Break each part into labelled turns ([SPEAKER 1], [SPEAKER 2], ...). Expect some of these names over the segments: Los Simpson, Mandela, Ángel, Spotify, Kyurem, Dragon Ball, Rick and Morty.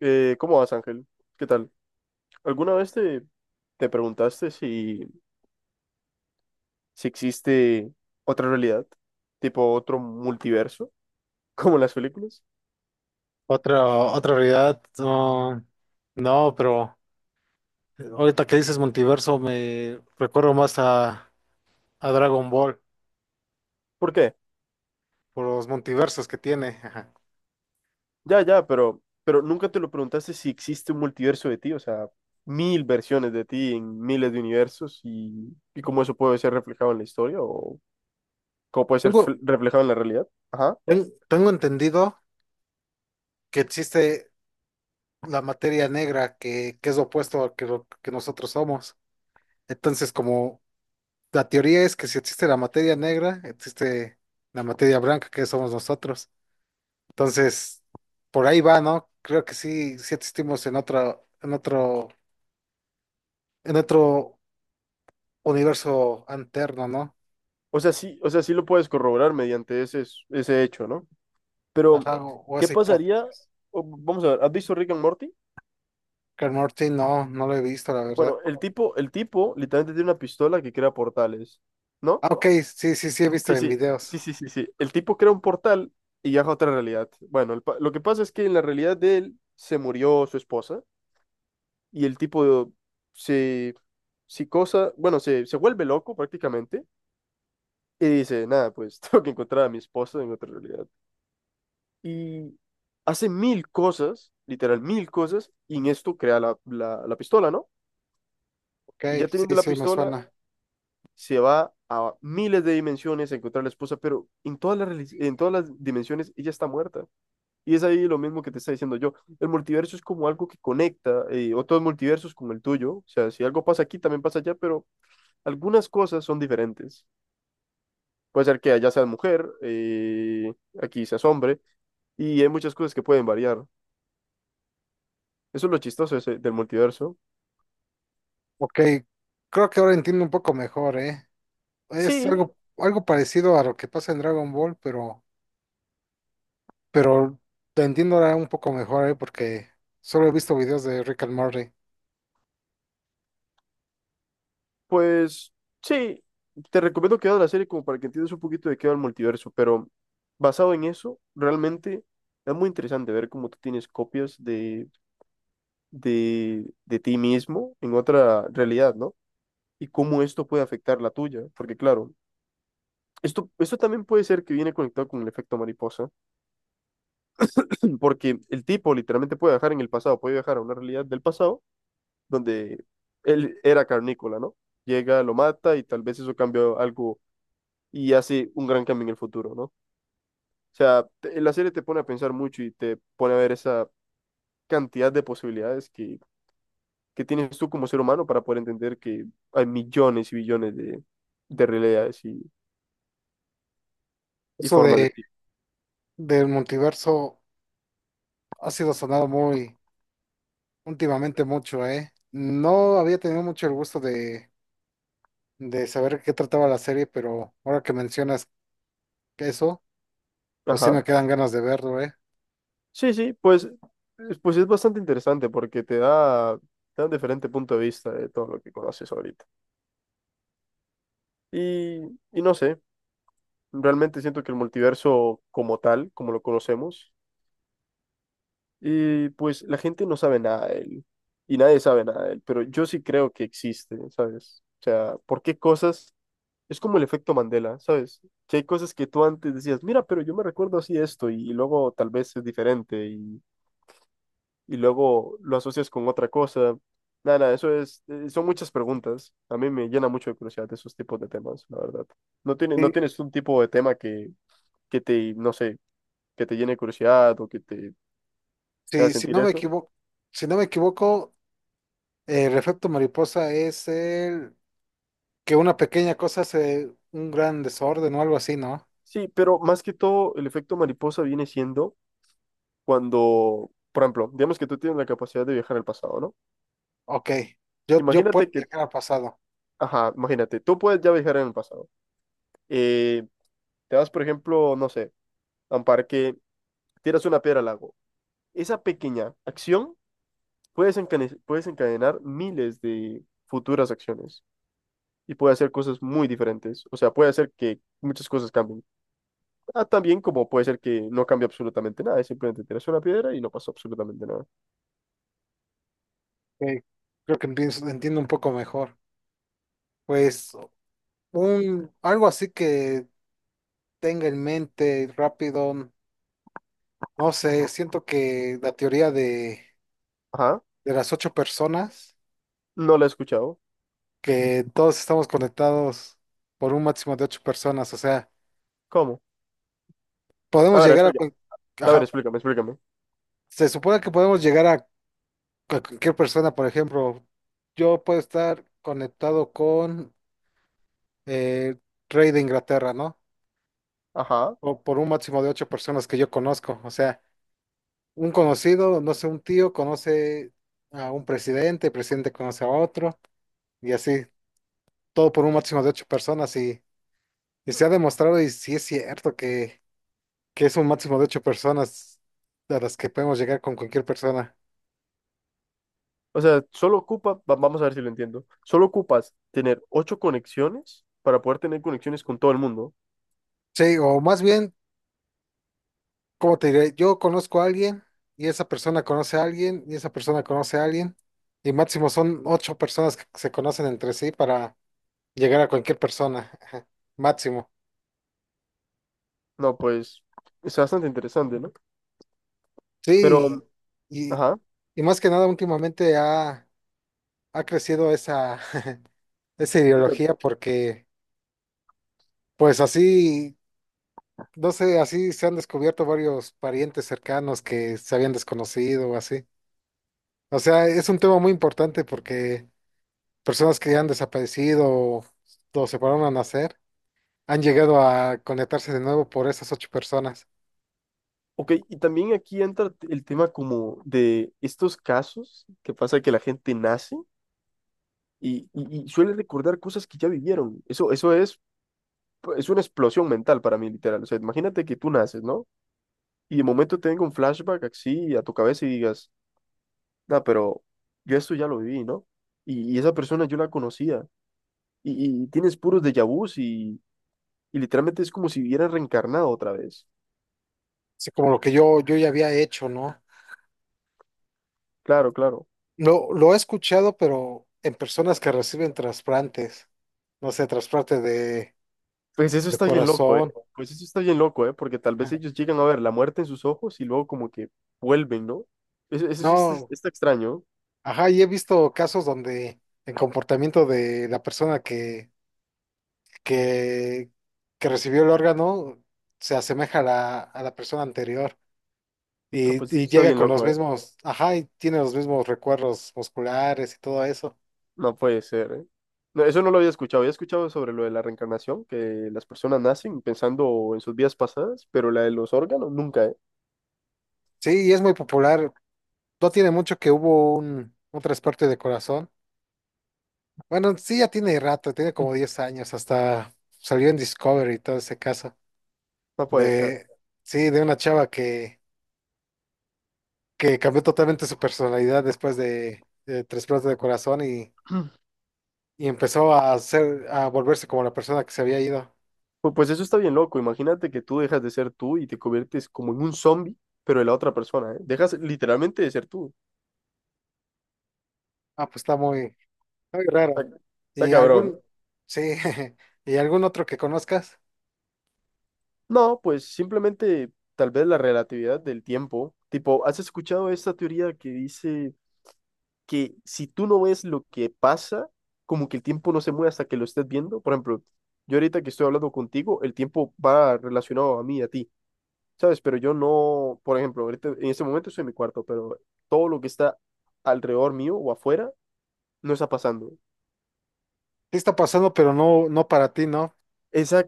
[SPEAKER 1] ¿Cómo vas, Ángel? ¿Qué tal? ¿Alguna vez te preguntaste si existe otra realidad? ¿Tipo otro multiverso? ¿Como en las películas?
[SPEAKER 2] Otra realidad, no, no, pero ahorita que dices multiverso me recuerdo más a Dragon Ball
[SPEAKER 1] ¿Por qué?
[SPEAKER 2] por los multiversos que tiene. Ajá.
[SPEAKER 1] Ya, pero nunca te lo preguntaste si existe un multiverso de ti, o sea, mil versiones de ti en miles de universos y cómo eso puede ser reflejado en la historia o cómo puede ser
[SPEAKER 2] Tengo,
[SPEAKER 1] reflejado en la realidad. Ajá.
[SPEAKER 2] tengo entendido que existe la materia negra que es lo opuesto a que lo que nosotros somos. Entonces, como la teoría es que si existe la materia negra, existe la materia blanca que somos nosotros. Entonces, por ahí va, ¿no? Creo que sí, sí existimos en otro universo alterno, ¿no?
[SPEAKER 1] O sea, sí lo puedes corroborar mediante ese hecho, ¿no? Pero,
[SPEAKER 2] Ajá, o
[SPEAKER 1] ¿qué
[SPEAKER 2] esa
[SPEAKER 1] pasaría?
[SPEAKER 2] hipótesis.
[SPEAKER 1] O, vamos a ver, ¿has visto Rick and Morty?
[SPEAKER 2] Rick and Morty no, no lo he visto, la verdad.
[SPEAKER 1] Bueno, el tipo literalmente tiene una pistola que crea portales, ¿no?
[SPEAKER 2] Ah, ok, sí, sí, sí, he visto
[SPEAKER 1] Sí,
[SPEAKER 2] en
[SPEAKER 1] sí, sí,
[SPEAKER 2] videos.
[SPEAKER 1] sí, sí, sí. El tipo crea un portal y viaja a otra realidad. Bueno, lo que pasa es que en la realidad de él se murió su esposa y el tipo se, se cosa, bueno, se vuelve loco prácticamente y dice, nada, pues tengo que encontrar a mi esposa en otra realidad. Y hace mil cosas, literal, mil cosas, y en esto crea la pistola, ¿no?
[SPEAKER 2] Ok,
[SPEAKER 1] Y ya teniendo
[SPEAKER 2] sí,
[SPEAKER 1] la
[SPEAKER 2] sí, me
[SPEAKER 1] pistola,
[SPEAKER 2] suena.
[SPEAKER 1] se va a miles de dimensiones a encontrar a la esposa, pero en en todas las dimensiones ella está muerta. Y es ahí lo mismo que te está diciendo yo. El multiverso es como algo que conecta otros multiversos como el tuyo. O sea, si algo pasa aquí, también pasa allá, pero algunas cosas son diferentes. Puede ser que allá seas mujer, aquí seas hombre, y hay muchas cosas que pueden variar. Eso es lo chistoso del multiverso.
[SPEAKER 2] Ok, creo que ahora entiendo un poco mejor, ¿eh? Es
[SPEAKER 1] Sí,
[SPEAKER 2] algo, algo parecido a lo que pasa en Dragon Ball, pero te entiendo ahora un poco mejor, ¿eh? Porque solo he visto videos de Rick and Morty.
[SPEAKER 1] pues sí, te recomiendo que veas la serie como para que entiendas un poquito de qué va el multiverso, pero basado en eso, realmente es muy interesante ver cómo tú tienes copias de ti mismo en otra realidad, ¿no? Y cómo esto puede afectar la tuya, porque claro, esto también puede ser que viene conectado con el efecto mariposa, porque el tipo literalmente puede viajar en el pasado, puede viajar a una realidad del pasado donde él era carnícola, ¿no? Llega, lo mata y tal vez eso cambia algo y hace un gran cambio en el futuro, ¿no? O sea, la serie te pone a pensar mucho y te pone a ver esa cantidad de posibilidades que tienes tú como ser humano para poder entender que hay millones y billones de realidades y
[SPEAKER 2] Eso
[SPEAKER 1] formas de
[SPEAKER 2] de,
[SPEAKER 1] ti.
[SPEAKER 2] del multiverso ha sido sonado muy últimamente mucho, ¿eh? No había tenido mucho el gusto de saber qué trataba la serie, pero ahora que mencionas eso, pues sí
[SPEAKER 1] Ajá.
[SPEAKER 2] me quedan ganas de verlo, ¿eh?
[SPEAKER 1] Sí, sí, pues, pues es bastante interesante porque te da un diferente punto de vista de todo lo que conoces ahorita. Y, y no sé, realmente siento que el multiverso como tal, como lo conocemos, y pues la gente no sabe nada de él y nadie sabe nada de él, pero yo sí creo que existe, ¿sabes? O sea, ¿porque cosas? Es como el efecto Mandela, ¿sabes? Que hay cosas que tú antes decías, mira, pero yo me recuerdo así esto y luego tal vez es diferente y luego lo asocias con otra cosa. Nada, nada, eso es, son muchas preguntas. A mí me llena mucho de curiosidad esos tipos de temas, la verdad. No
[SPEAKER 2] Sí,
[SPEAKER 1] tienes un tipo de tema que te, no sé, que te llene de curiosidad o que te haga
[SPEAKER 2] sí, si
[SPEAKER 1] sentir
[SPEAKER 2] no me
[SPEAKER 1] eso?
[SPEAKER 2] equivoco, si no me equivoco, el efecto mariposa es el que una pequeña cosa hace un gran desorden o algo así, ¿no?
[SPEAKER 1] Sí, pero más que todo, el efecto mariposa viene siendo cuando, por ejemplo, digamos que tú tienes la capacidad de viajar al pasado, ¿no?
[SPEAKER 2] Ok, yo puedo
[SPEAKER 1] Imagínate que,
[SPEAKER 2] viajar al pasado.
[SPEAKER 1] ajá, imagínate, tú puedes ya viajar en el pasado. Eh, te vas, por ejemplo, no sé, a un parque, tiras una piedra al lago. Esa pequeña acción puede desencadenar miles de futuras acciones y puede hacer cosas muy diferentes. O sea, puede hacer que muchas cosas cambien. Ah, también como puede ser que no cambie absolutamente nada, es simplemente tiras una piedra y no pasó absolutamente nada.
[SPEAKER 2] Ok, entiendo un poco mejor. Pues algo así que tenga en mente rápido. No sé, siento que la teoría
[SPEAKER 1] Ajá.
[SPEAKER 2] de las ocho personas,
[SPEAKER 1] No la he escuchado.
[SPEAKER 2] que todos estamos conectados por un máximo de ocho personas, o sea,
[SPEAKER 1] ¿Cómo? A
[SPEAKER 2] podemos
[SPEAKER 1] ver,
[SPEAKER 2] llegar a...
[SPEAKER 1] explícame. A ver,
[SPEAKER 2] Ajá,
[SPEAKER 1] explícame.
[SPEAKER 2] se supone que podemos llegar a cualquier persona, por ejemplo, yo puedo estar conectado con eh, rey de Inglaterra, ¿no?
[SPEAKER 1] Ajá.
[SPEAKER 2] O por un máximo de ocho personas que yo conozco, o sea, un conocido, no sé, un tío conoce a un presidente, el presidente conoce a otro, y así, todo por un máximo de ocho personas y... Y se ha demostrado, y sí es cierto, que es un máximo de ocho personas a las que podemos llegar con cualquier persona.
[SPEAKER 1] O sea, vamos a ver si lo entiendo. Solo ocupas tener ocho conexiones para poder tener conexiones con todo el mundo.
[SPEAKER 2] Sí, o más bien, ¿cómo te diré? Yo conozco a alguien, y esa persona conoce a alguien, y esa persona conoce a alguien, y máximo son ocho personas que se conocen entre sí para llegar a cualquier persona. Ajá, máximo.
[SPEAKER 1] No, pues, es bastante interesante, ¿no? Pero,
[SPEAKER 2] Sí, y, y,
[SPEAKER 1] ajá.
[SPEAKER 2] y más que nada últimamente ha crecido esa, esa ideología
[SPEAKER 1] Exacto.
[SPEAKER 2] porque, pues así. No sé, así se han descubierto varios parientes cercanos que se habían desconocido o así. O sea, es un tema muy importante porque personas que han desaparecido o se pararon a nacer han llegado a conectarse de nuevo por esas ocho personas.
[SPEAKER 1] Ok, y también aquí entra el tema como de estos casos que pasa que la gente nace y suele recordar cosas que ya vivieron. Eso es una explosión mental para mí, literal. O sea, imagínate que tú naces, ¿no? Y de momento tenga un flashback así a tu cabeza y digas, no, pero yo esto ya lo viví, ¿no? Y esa persona yo la conocía. Y tienes puros déjà vus y literalmente es como si hubiera reencarnado otra vez.
[SPEAKER 2] Así como lo que yo ya había hecho, ¿no?
[SPEAKER 1] Claro, claro.
[SPEAKER 2] Lo he escuchado, pero en personas que reciben trasplantes, no sé, trasplante
[SPEAKER 1] Pues eso
[SPEAKER 2] de
[SPEAKER 1] está bien loco, ¿eh?
[SPEAKER 2] corazón.
[SPEAKER 1] Pues eso está bien loco, ¿eh? Porque tal vez ellos llegan a ver la muerte en sus ojos y luego como que vuelven, ¿no? Eso sí está,
[SPEAKER 2] No,
[SPEAKER 1] está extraño.
[SPEAKER 2] ajá, y he visto casos donde el comportamiento de la persona que, que recibió el órgano se asemeja a la persona anterior
[SPEAKER 1] Ah, pues eso
[SPEAKER 2] y
[SPEAKER 1] está
[SPEAKER 2] llega
[SPEAKER 1] bien
[SPEAKER 2] con los
[SPEAKER 1] loco, ¿eh?
[SPEAKER 2] mismos, ajá, y tiene los mismos recuerdos musculares y todo eso.
[SPEAKER 1] No puede ser, ¿eh? No, eso no lo había escuchado. Había escuchado sobre lo de la reencarnación, que las personas nacen pensando en sus vidas pasadas, pero la de los órganos nunca, ¿eh?
[SPEAKER 2] Sí, y es muy popular. No tiene mucho que hubo un trasplante de corazón. Bueno, sí, ya tiene rato, tiene como 10 años, hasta salió en Discovery y todo ese caso.
[SPEAKER 1] No puede ser.
[SPEAKER 2] De, sí, de una chava que cambió totalmente su personalidad después de trasplante de corazón y y empezó a ser, a volverse como la persona que se había ido.
[SPEAKER 1] Pues eso está bien loco. Imagínate que tú dejas de ser tú y te conviertes como en un zombie, pero de la otra persona, ¿eh? Dejas literalmente de ser tú.
[SPEAKER 2] Ah, pues está muy, muy raro.
[SPEAKER 1] Está, está
[SPEAKER 2] Y
[SPEAKER 1] cabrón, ¿eh?
[SPEAKER 2] algún, sí, y algún otro que conozcas.
[SPEAKER 1] No, pues simplemente tal vez la relatividad del tiempo. Tipo, ¿has escuchado esta teoría que dice que si tú no ves lo que pasa, como que el tiempo no se mueve hasta que lo estés viendo? Por ejemplo, yo ahorita que estoy hablando contigo, el tiempo va relacionado a mí, a ti, ¿sabes? Pero yo no, por ejemplo, ahorita, en este momento estoy en mi cuarto, pero todo lo que está alrededor mío o afuera no está pasando.
[SPEAKER 2] Sí está pasando, pero no, no para ti, ¿no?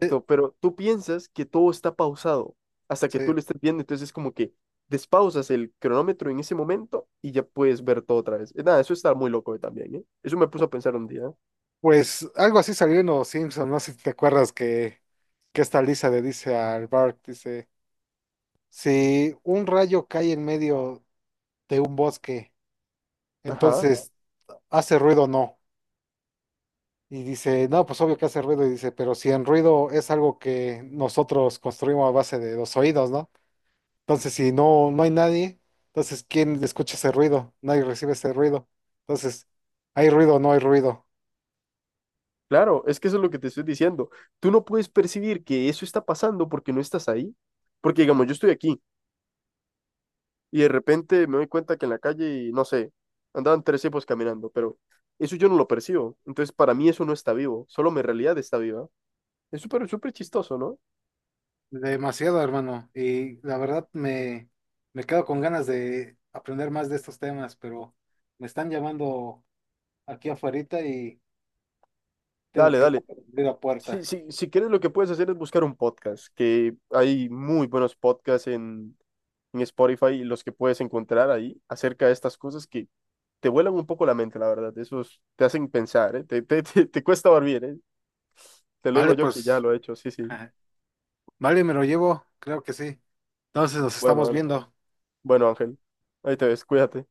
[SPEAKER 2] Sí.
[SPEAKER 1] pero tú piensas que todo está pausado hasta que tú
[SPEAKER 2] Sí.
[SPEAKER 1] lo estés viendo, entonces es como que despausas el cronómetro en ese momento y ya puedes ver todo otra vez. Nada, eso está muy loco también, ¿eh? Eso me puso a pensar un día.
[SPEAKER 2] Pues algo así salió en Los Simpson, no sé si te acuerdas que esta Lisa le dice al Bart, dice, si un rayo cae en medio de un bosque,
[SPEAKER 1] Ajá.
[SPEAKER 2] entonces, ¿hace ruido o no? Y dice, no, pues obvio que hace ruido. Y dice, pero si en ruido es algo que nosotros construimos a base de los oídos, ¿no? Entonces, si no, no hay nadie, entonces, ¿quién escucha ese ruido? Nadie recibe ese ruido. Entonces, ¿hay ruido o no hay ruido?
[SPEAKER 1] Claro, es que eso es lo que te estoy diciendo. Tú no puedes percibir que eso está pasando porque no estás ahí. Porque, digamos, yo estoy aquí y de repente me doy cuenta que en la calle, no sé, andaban tres tipos caminando, pero eso yo no lo percibo. Entonces, para mí eso no está vivo, solo mi realidad está viva. Es súper, súper chistoso, ¿no?
[SPEAKER 2] Demasiado, hermano. Y la verdad me, me quedo con ganas de aprender más de estos temas, pero me están llamando aquí afuera y tengo
[SPEAKER 1] Dale,
[SPEAKER 2] que
[SPEAKER 1] dale.
[SPEAKER 2] abrir la puerta.
[SPEAKER 1] Si quieres, lo que puedes hacer es buscar un podcast, que hay muy buenos podcasts en Spotify, los que puedes encontrar ahí acerca de estas cosas que te vuelan un poco la mente, la verdad. Esos te hacen pensar, ¿eh? Te cuesta dormir, ¿eh? Te lo digo
[SPEAKER 2] Vale,
[SPEAKER 1] yo que ya
[SPEAKER 2] pues,
[SPEAKER 1] lo he hecho, sí, sí.
[SPEAKER 2] vale, me lo llevo, creo que sí. Entonces nos
[SPEAKER 1] Bueno,
[SPEAKER 2] estamos
[SPEAKER 1] bueno.
[SPEAKER 2] viendo.
[SPEAKER 1] Bueno, Ángel, ahí te ves, cuídate.